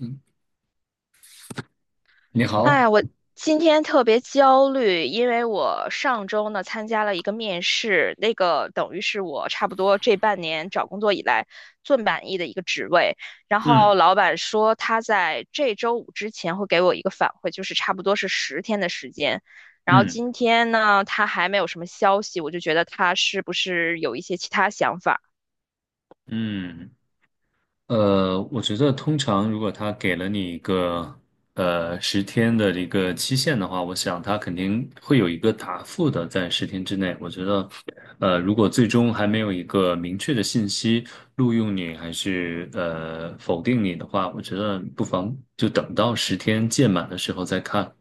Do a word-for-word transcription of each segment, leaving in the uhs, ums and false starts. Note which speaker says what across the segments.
Speaker 1: 嗯，你好，
Speaker 2: 哎，我今天特别焦虑，因为我上周呢参加了一个面试，那个等于是我差不多这半年找工作以来最满意的一个职位。然后
Speaker 1: 嗯
Speaker 2: 老板说他在这周五之前会给我一个反馈，就是差不多是十天的时间。然后
Speaker 1: 嗯
Speaker 2: 今天呢，他还没有什么消息，我就觉得他是不是有一些其他想法。
Speaker 1: 嗯，呃，我觉得通常如果他给了你一个呃十天的一个期限的话，我想他肯定会有一个答复的，在十天之内。我觉得，呃，如果最终还没有一个明确的信息录用你还是呃否定你的话，我觉得不妨就等到十天届满的时候再看。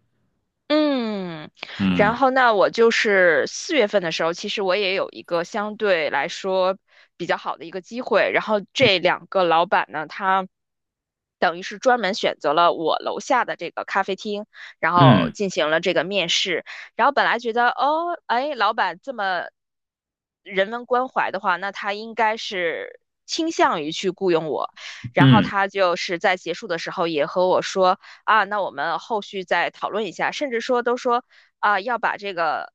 Speaker 2: 嗯，然
Speaker 1: 嗯
Speaker 2: 后那我就是四月份的时候，其实我也有一个相对来说比较好的一个机会。然后这两个老板呢，他等于是专门选择了我楼下的这个咖啡厅，然
Speaker 1: 嗯
Speaker 2: 后进行了这个面试。然后本来觉得，哦，哎，老板这么人文关怀的话，那他应该是倾向于去雇佣我。然后
Speaker 1: 嗯，
Speaker 2: 他就是在结束的时候也和我说。啊，那我们后续再讨论一下，甚至说都说啊，要把这个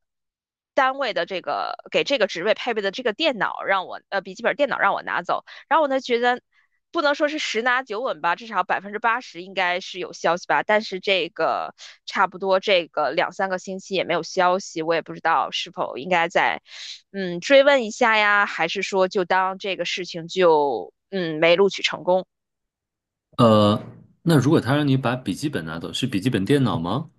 Speaker 2: 单位的这个给这个职位配备的这个电脑让我呃笔记本电脑让我拿走，然后我呢觉得。不能说是十拿九稳吧，至少百分之八十应该是有消息吧。但是这个差不多这个两三个星期也没有消息，我也不知道是否应该再嗯追问一下呀，还是说就当这个事情就嗯没录取成功。
Speaker 1: 呃，那如果他让你把笔记本拿走，是笔记本电脑吗？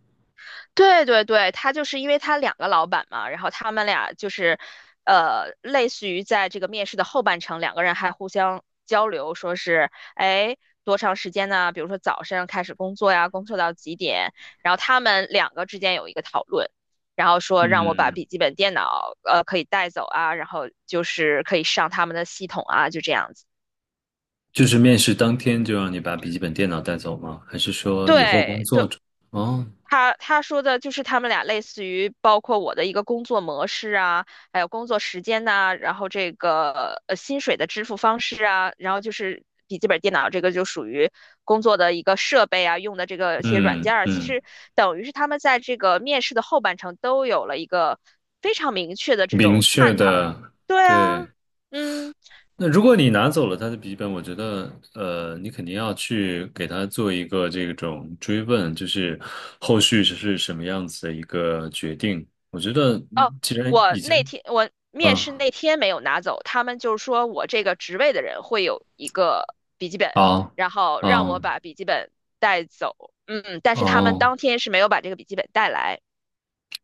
Speaker 2: 对对对，他就是因为他两个老板嘛，然后他们俩就是，呃，类似于在这个面试的后半程，两个人还互相交流，说是，哎，多长时间呢？比如说早上开始工作呀，工作到几点？然后他们两个之间有一个讨论，然后说让我把
Speaker 1: 嗯。
Speaker 2: 笔记本电脑，呃，可以带走啊，然后就是可以上他们的系统啊，就这样子。
Speaker 1: 就是面试当天就让你把笔记本电脑带走吗？还是说以后工
Speaker 2: 对
Speaker 1: 作
Speaker 2: 对，
Speaker 1: 中？哦，
Speaker 2: 他他说的就是他们俩类似于包括我的一个工作模式啊，还有工作时间呐、然后这个呃薪水的支付方式啊，然后就是笔记本电脑这个就属于工作的一个设备啊，用的这个一些软
Speaker 1: 嗯
Speaker 2: 件儿，其
Speaker 1: 嗯，
Speaker 2: 实等于是他们在这个面试的后半程都有了一个非常明确的这
Speaker 1: 明
Speaker 2: 种
Speaker 1: 确
Speaker 2: 探讨。
Speaker 1: 的，
Speaker 2: 对
Speaker 1: 对。
Speaker 2: 啊，嗯。
Speaker 1: 那如果你拿走了他的笔记本，我觉得，呃，你肯定要去给他做一个这种追问，就是后续是什么样子的一个决定。我觉得，
Speaker 2: 哦，
Speaker 1: 嗯既然
Speaker 2: 我
Speaker 1: 已经，
Speaker 2: 那天我面
Speaker 1: 嗯，
Speaker 2: 试那天没有拿走，他们就是说我这个职位的人会有一个笔记本，
Speaker 1: 好，
Speaker 2: 然后让我
Speaker 1: 嗯，
Speaker 2: 把笔记本带走。嗯，但是他们
Speaker 1: 哦。
Speaker 2: 当天是没有把这个笔记本带来。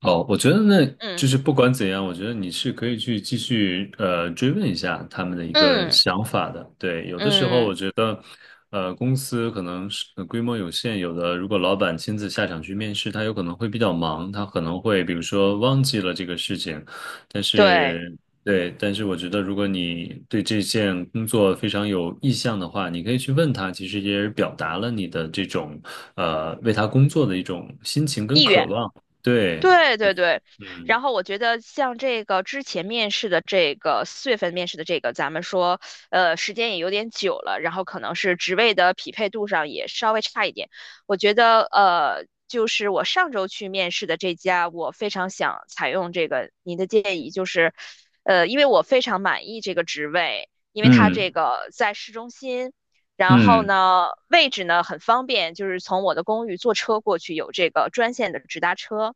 Speaker 1: 哦，我觉得那就
Speaker 2: 嗯
Speaker 1: 是不管怎样，我觉得你是可以去继续呃追问一下他们的一个
Speaker 2: 嗯
Speaker 1: 想法的。对，有的时候
Speaker 2: 嗯，
Speaker 1: 我觉得，呃，公司可能是呃规模有限，有的如果老板亲自下场去面试，他有可能会比较忙，他可能会比如说忘记了这个事情。但
Speaker 2: 对，
Speaker 1: 是，对，但是我觉得如果你对这件工作非常有意向的话，你可以去问他，其实也是表达了你的这种呃为他工作的一种心情跟
Speaker 2: 意
Speaker 1: 渴
Speaker 2: 愿。
Speaker 1: 望。对，
Speaker 2: 对对对，
Speaker 1: 嗯
Speaker 2: 然后我觉得像这个之前面试的这个四月份面试的这个，咱们说，呃，时间也有点久了，然后可能是职位的匹配度上也稍微差一点。我觉得，呃，就是我上周去面试的这家，我非常想采用这个您的建议，就是，呃，因为我非常满意这个职位，因为它
Speaker 1: 嗯
Speaker 2: 这个在市中心。然后
Speaker 1: 嗯
Speaker 2: 呢，位置呢很方便，就是从我的公寓坐车过去，有这个专线的直达车。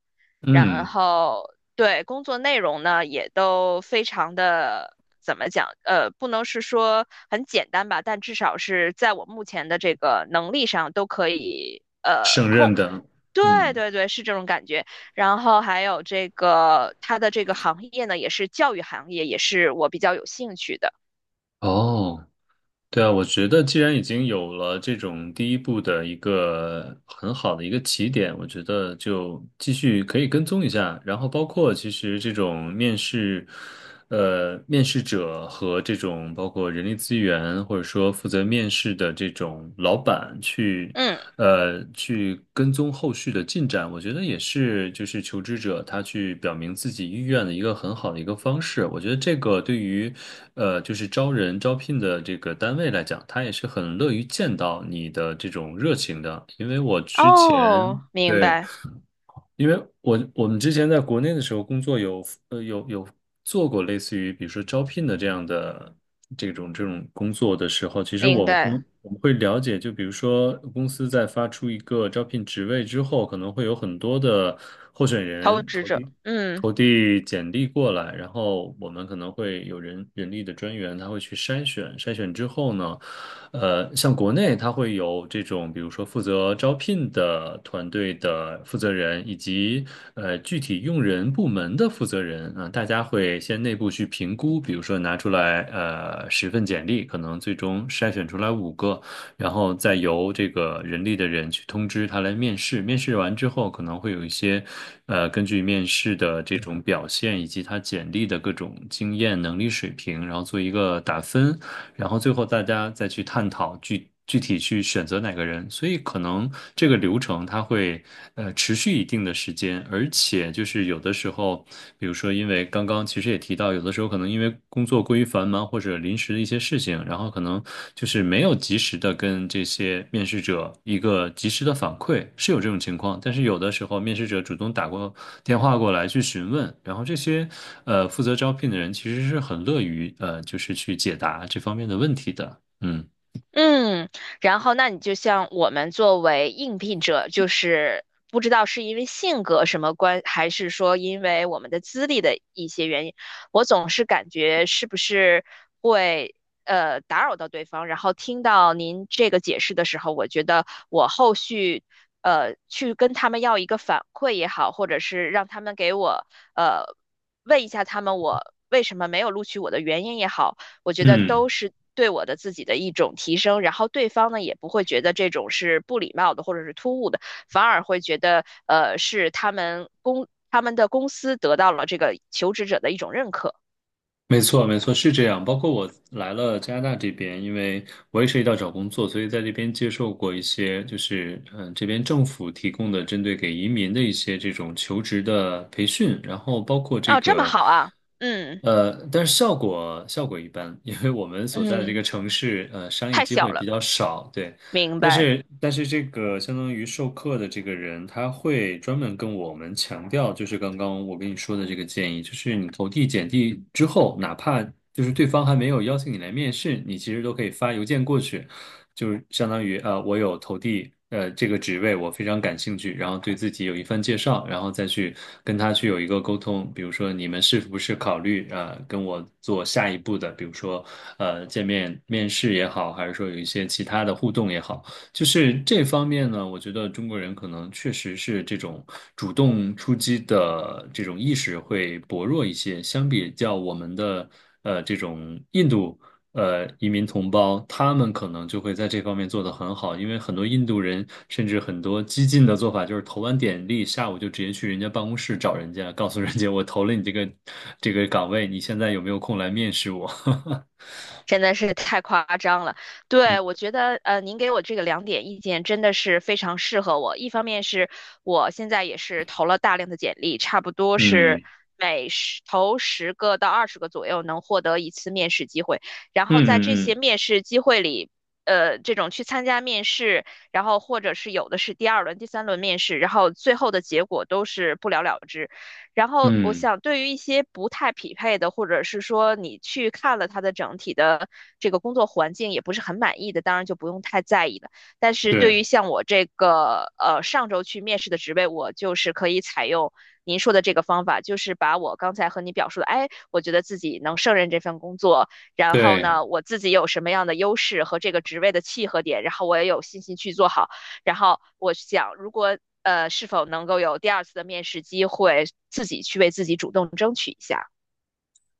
Speaker 2: 然
Speaker 1: 嗯，
Speaker 2: 后对工作内容呢，也都非常的怎么讲？呃，不能是说很简单吧，但至少是在我目前的这个能力上都可以呃
Speaker 1: 胜任
Speaker 2: 控。
Speaker 1: 的，
Speaker 2: 对
Speaker 1: 嗯，
Speaker 2: 对对，是这种感觉。然后还有这个它的这个行业呢，也是教育行业，也是我比较有兴趣的。
Speaker 1: 哦，对啊，我觉得既然已经有了这种第一步的一个很好的一个起点，我觉得就继续可以跟踪一下，然后包括其实这种面试。呃，面试者和这种包括人力资源或者说负责面试的这种老板去，
Speaker 2: 嗯，
Speaker 1: 呃，去跟踪后续的进展，我觉得也是就是求职者他去表明自己意愿的一个很好的一个方式。我觉得这个对于，呃，就是招人招聘的这个单位来讲，他也是很乐于见到你的这种热情的，因为我之前。
Speaker 2: 哦，明
Speaker 1: 对。
Speaker 2: 白
Speaker 1: 因为我我们之前在国内的时候工作有呃有有做过类似于比如说招聘的这样的这种这种工作的时候，其实
Speaker 2: 明
Speaker 1: 我
Speaker 2: 白，
Speaker 1: 们我们会了解，就比如说公司在发出一个招聘职位之后，可能会有很多的候选
Speaker 2: 投资
Speaker 1: 人
Speaker 2: 职
Speaker 1: 投
Speaker 2: 者，
Speaker 1: 递
Speaker 2: 嗯。
Speaker 1: 投递简历过来，然后我们可能会有人人力的专员，他会去筛选，筛选之后呢。呃，像国内它会有这种，比如说负责招聘的团队的负责人，以及呃具体用人部门的负责人啊，大家会先内部去评估，比如说拿出来呃十份简历，可能最终筛选出来五个，然后再由这个人力的人去通知他来面试。面试完之后，可能会有一些呃根据面试的这种表现以及他简历的各种经验能力水平，然后做一个打分。然后最后大家再去探讨具具体去选择哪个人，所以可能这个流程它会呃持续一定的时间，而且就是有的时候，比如说因为刚刚其实也提到，有的时候可能因为工作过于繁忙或者临时的一些事情，然后。可能就是没有及时的跟这些面试者一个及时的反馈，是有这种情况。但是有的时候，面试者主动打过电话过来去询问，然后这些呃负责招聘的人其实是很乐于呃就是去解答这方面的问题的。嗯
Speaker 2: 嗯，然后那你就像我们作为应聘者，就是不知道是因为性格什么关，还是说因为我们的资历的一些原因，我总是感觉是不是会呃打扰到对方。然后听到您这个解释的时候，我觉得我后续呃去跟他们要一个反馈也好，或者是让他们给我呃问一下他们我为什么没有录取我的原因也好。我觉得
Speaker 1: 嗯。
Speaker 2: 都是对我的自己的一种提升，然后对方呢也不会觉得这种是不礼貌的或者是突兀的，反而会觉得呃是他们公他们的公司得到了这个求职者的一种认可。
Speaker 1: 没错，没错，是这样。包括我来了加拿大这边，因为我也涉及到找工作，所以在这边接受过一些，就是嗯，这边政府提供的针对给移民的一些这种求职的培训，然后包括这
Speaker 2: 哦，这么
Speaker 1: 个。
Speaker 2: 好啊，嗯
Speaker 1: 呃，但是效果效果一般，因为我们所在的这个
Speaker 2: 嗯，
Speaker 1: 城市，呃，商业
Speaker 2: 太
Speaker 1: 机
Speaker 2: 小
Speaker 1: 会比
Speaker 2: 了，
Speaker 1: 较少，对。
Speaker 2: 明
Speaker 1: 但
Speaker 2: 白。
Speaker 1: 是但是这个相当于授课的这个人，他会专门跟我们强调，就是刚刚我跟你说的这个建议，就是你投递简历之后，哪怕就是对方还没有邀请你来面试，你其实都可以发邮件过去，就是相当于呃，我有投递呃这个职位，我非常感兴趣，然后对自己有一番介绍，然后再去跟他去有一个沟通，比如说你们是不是考虑呃跟我做下一步的，比如说呃见面面试也好，还是说有一些其他的互动也好。就是这方面呢，我觉得中国人可能确实是这种主动出击的这种意识会薄弱一些，相比较我们的呃这种印度呃移民同胞，他们可能就会在这方面做得很好，因为很多印度人甚至很多激进的做法就是投完简历，下午就直接去人家办公室找人家，告诉人家我投了你这个这个岗位，你现在有没有空来面试我？
Speaker 2: 真的是太夸张了，
Speaker 1: 嗯
Speaker 2: 对，我觉得呃，您给我这个两点意见真的是非常适合我。一方面是我现在也是投了大量的简历，差不多是
Speaker 1: 嗯
Speaker 2: 每十投十个到二十个左右能获得一次面试机会。然
Speaker 1: 嗯
Speaker 2: 后在这
Speaker 1: 嗯
Speaker 2: 些
Speaker 1: 嗯
Speaker 2: 面试机会里，呃，这种去参加面试，然后或者是有的是第二轮、第三轮面试，然后最后的结果都是不了了之。然后我
Speaker 1: 嗯，
Speaker 2: 想，对于一些不太匹配的，或者是说你去看了他的整体的这个工作环境也不是很满意的，当然就不用太在意了。但是对于
Speaker 1: 对
Speaker 2: 像我这个呃上周去面试的职位，我就是可以采用您说的这个方法，就是把我刚才和你表述的，哎，我觉得自己能胜任这份工作，然后
Speaker 1: 对。
Speaker 2: 呢，我自己有什么样的优势和这个职位的契合点，然后我也有信心去做好。然后我想，如果呃是否能够有第二次的面试机会，自己去为自己主动争取一下。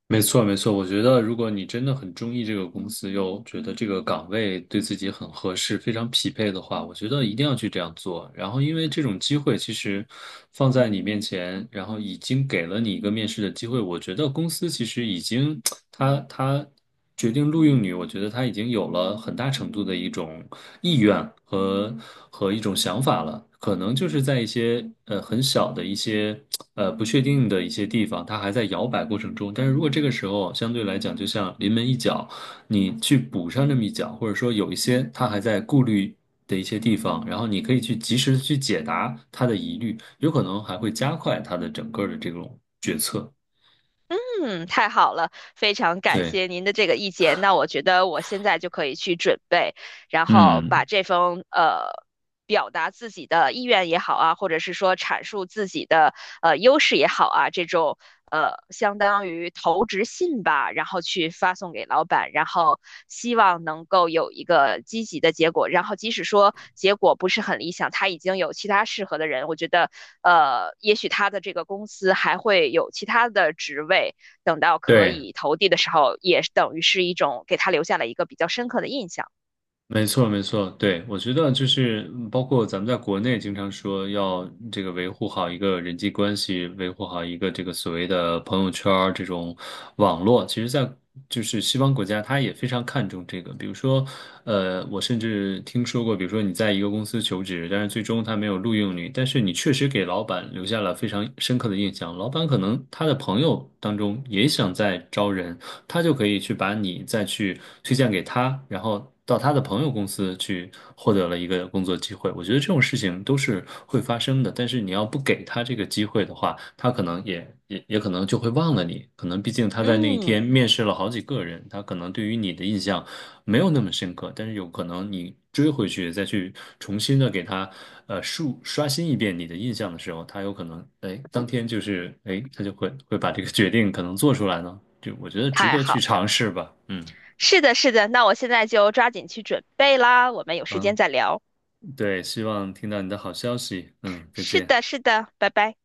Speaker 1: 没错，没错。我觉得，如果你真的很中意这个公司，又觉得这个岗位对自己很合适、非常匹配的话，我觉得一定要去这样做。然后，因为这种机会其实放在你面前，然后已经给了你一个面试的机会，我觉得公司其实已经，他他决定录用你，我觉得他已经有了很大程度的一种意愿和和一种想法了。可能就是在一些呃很小的一些。呃不确定的一些地方，它还在摇摆过程中。但是如果这个时候相对来讲，就像临门一脚，你去补上这么一脚，或者说有一些它还在顾虑的一些地方，然后你可以去及时的去解答他的疑虑，有可能还会加快它的整个的这种决策。
Speaker 2: 嗯，太好了，非常感
Speaker 1: 对，
Speaker 2: 谢您的这个意见。那我觉得我现在就可以去准备，然后把
Speaker 1: 嗯，
Speaker 2: 这封呃表达自己的意愿也好啊，或者是说阐述自己的呃优势也好啊，这种呃相当于投职信吧，然后去发送给老板，然后希望能够有一个积极的结果。然后即使说结果不是很理想，他已经有其他适合的人，我觉得呃，也许他的这个公司还会有其他的职位。等到可
Speaker 1: 对。
Speaker 2: 以投递的时候，也等于是一种给他留下了一个比较深刻的印象。
Speaker 1: 没错，没错，对，我觉得就是嗯包括咱们在国内经常说要这个维护好一个人际关系，维护好一个这个所谓的朋友圈儿这种网络，其实在就是西方国家，他也非常看重这个。比如说，呃，我甚至听说过，比如说你在一个公司求职，但是最终他没有录用你，但是你确实给老板留下了非常深刻的印象，老板可能他的朋友当中也想再招人。他就可以去把你再去推荐给他，然后到他的朋友公司去获得了一个工作机会。我觉得这种事情都是会发生的，但是你要不给他这个机会的话，他可能也也也可能就会忘了你。可能毕竟他在那一天
Speaker 2: 嗯，
Speaker 1: 面试了好几个人，他可能对于你的印象没有那么深刻，但是有可能你追回去再去重新的给他呃述刷新一遍你的印象的时候，他有可能哎当天就是哎他就会会把这个决定可能做出来呢，就我觉得值
Speaker 2: 太
Speaker 1: 得去
Speaker 2: 好，
Speaker 1: 尝试吧，嗯
Speaker 2: 是的，是的，那我现在就抓紧去准备啦，我们有时间
Speaker 1: 嗯，
Speaker 2: 再聊。
Speaker 1: 对，希望听到你的好消息，嗯，再
Speaker 2: 是
Speaker 1: 见。
Speaker 2: 的，是的，拜拜。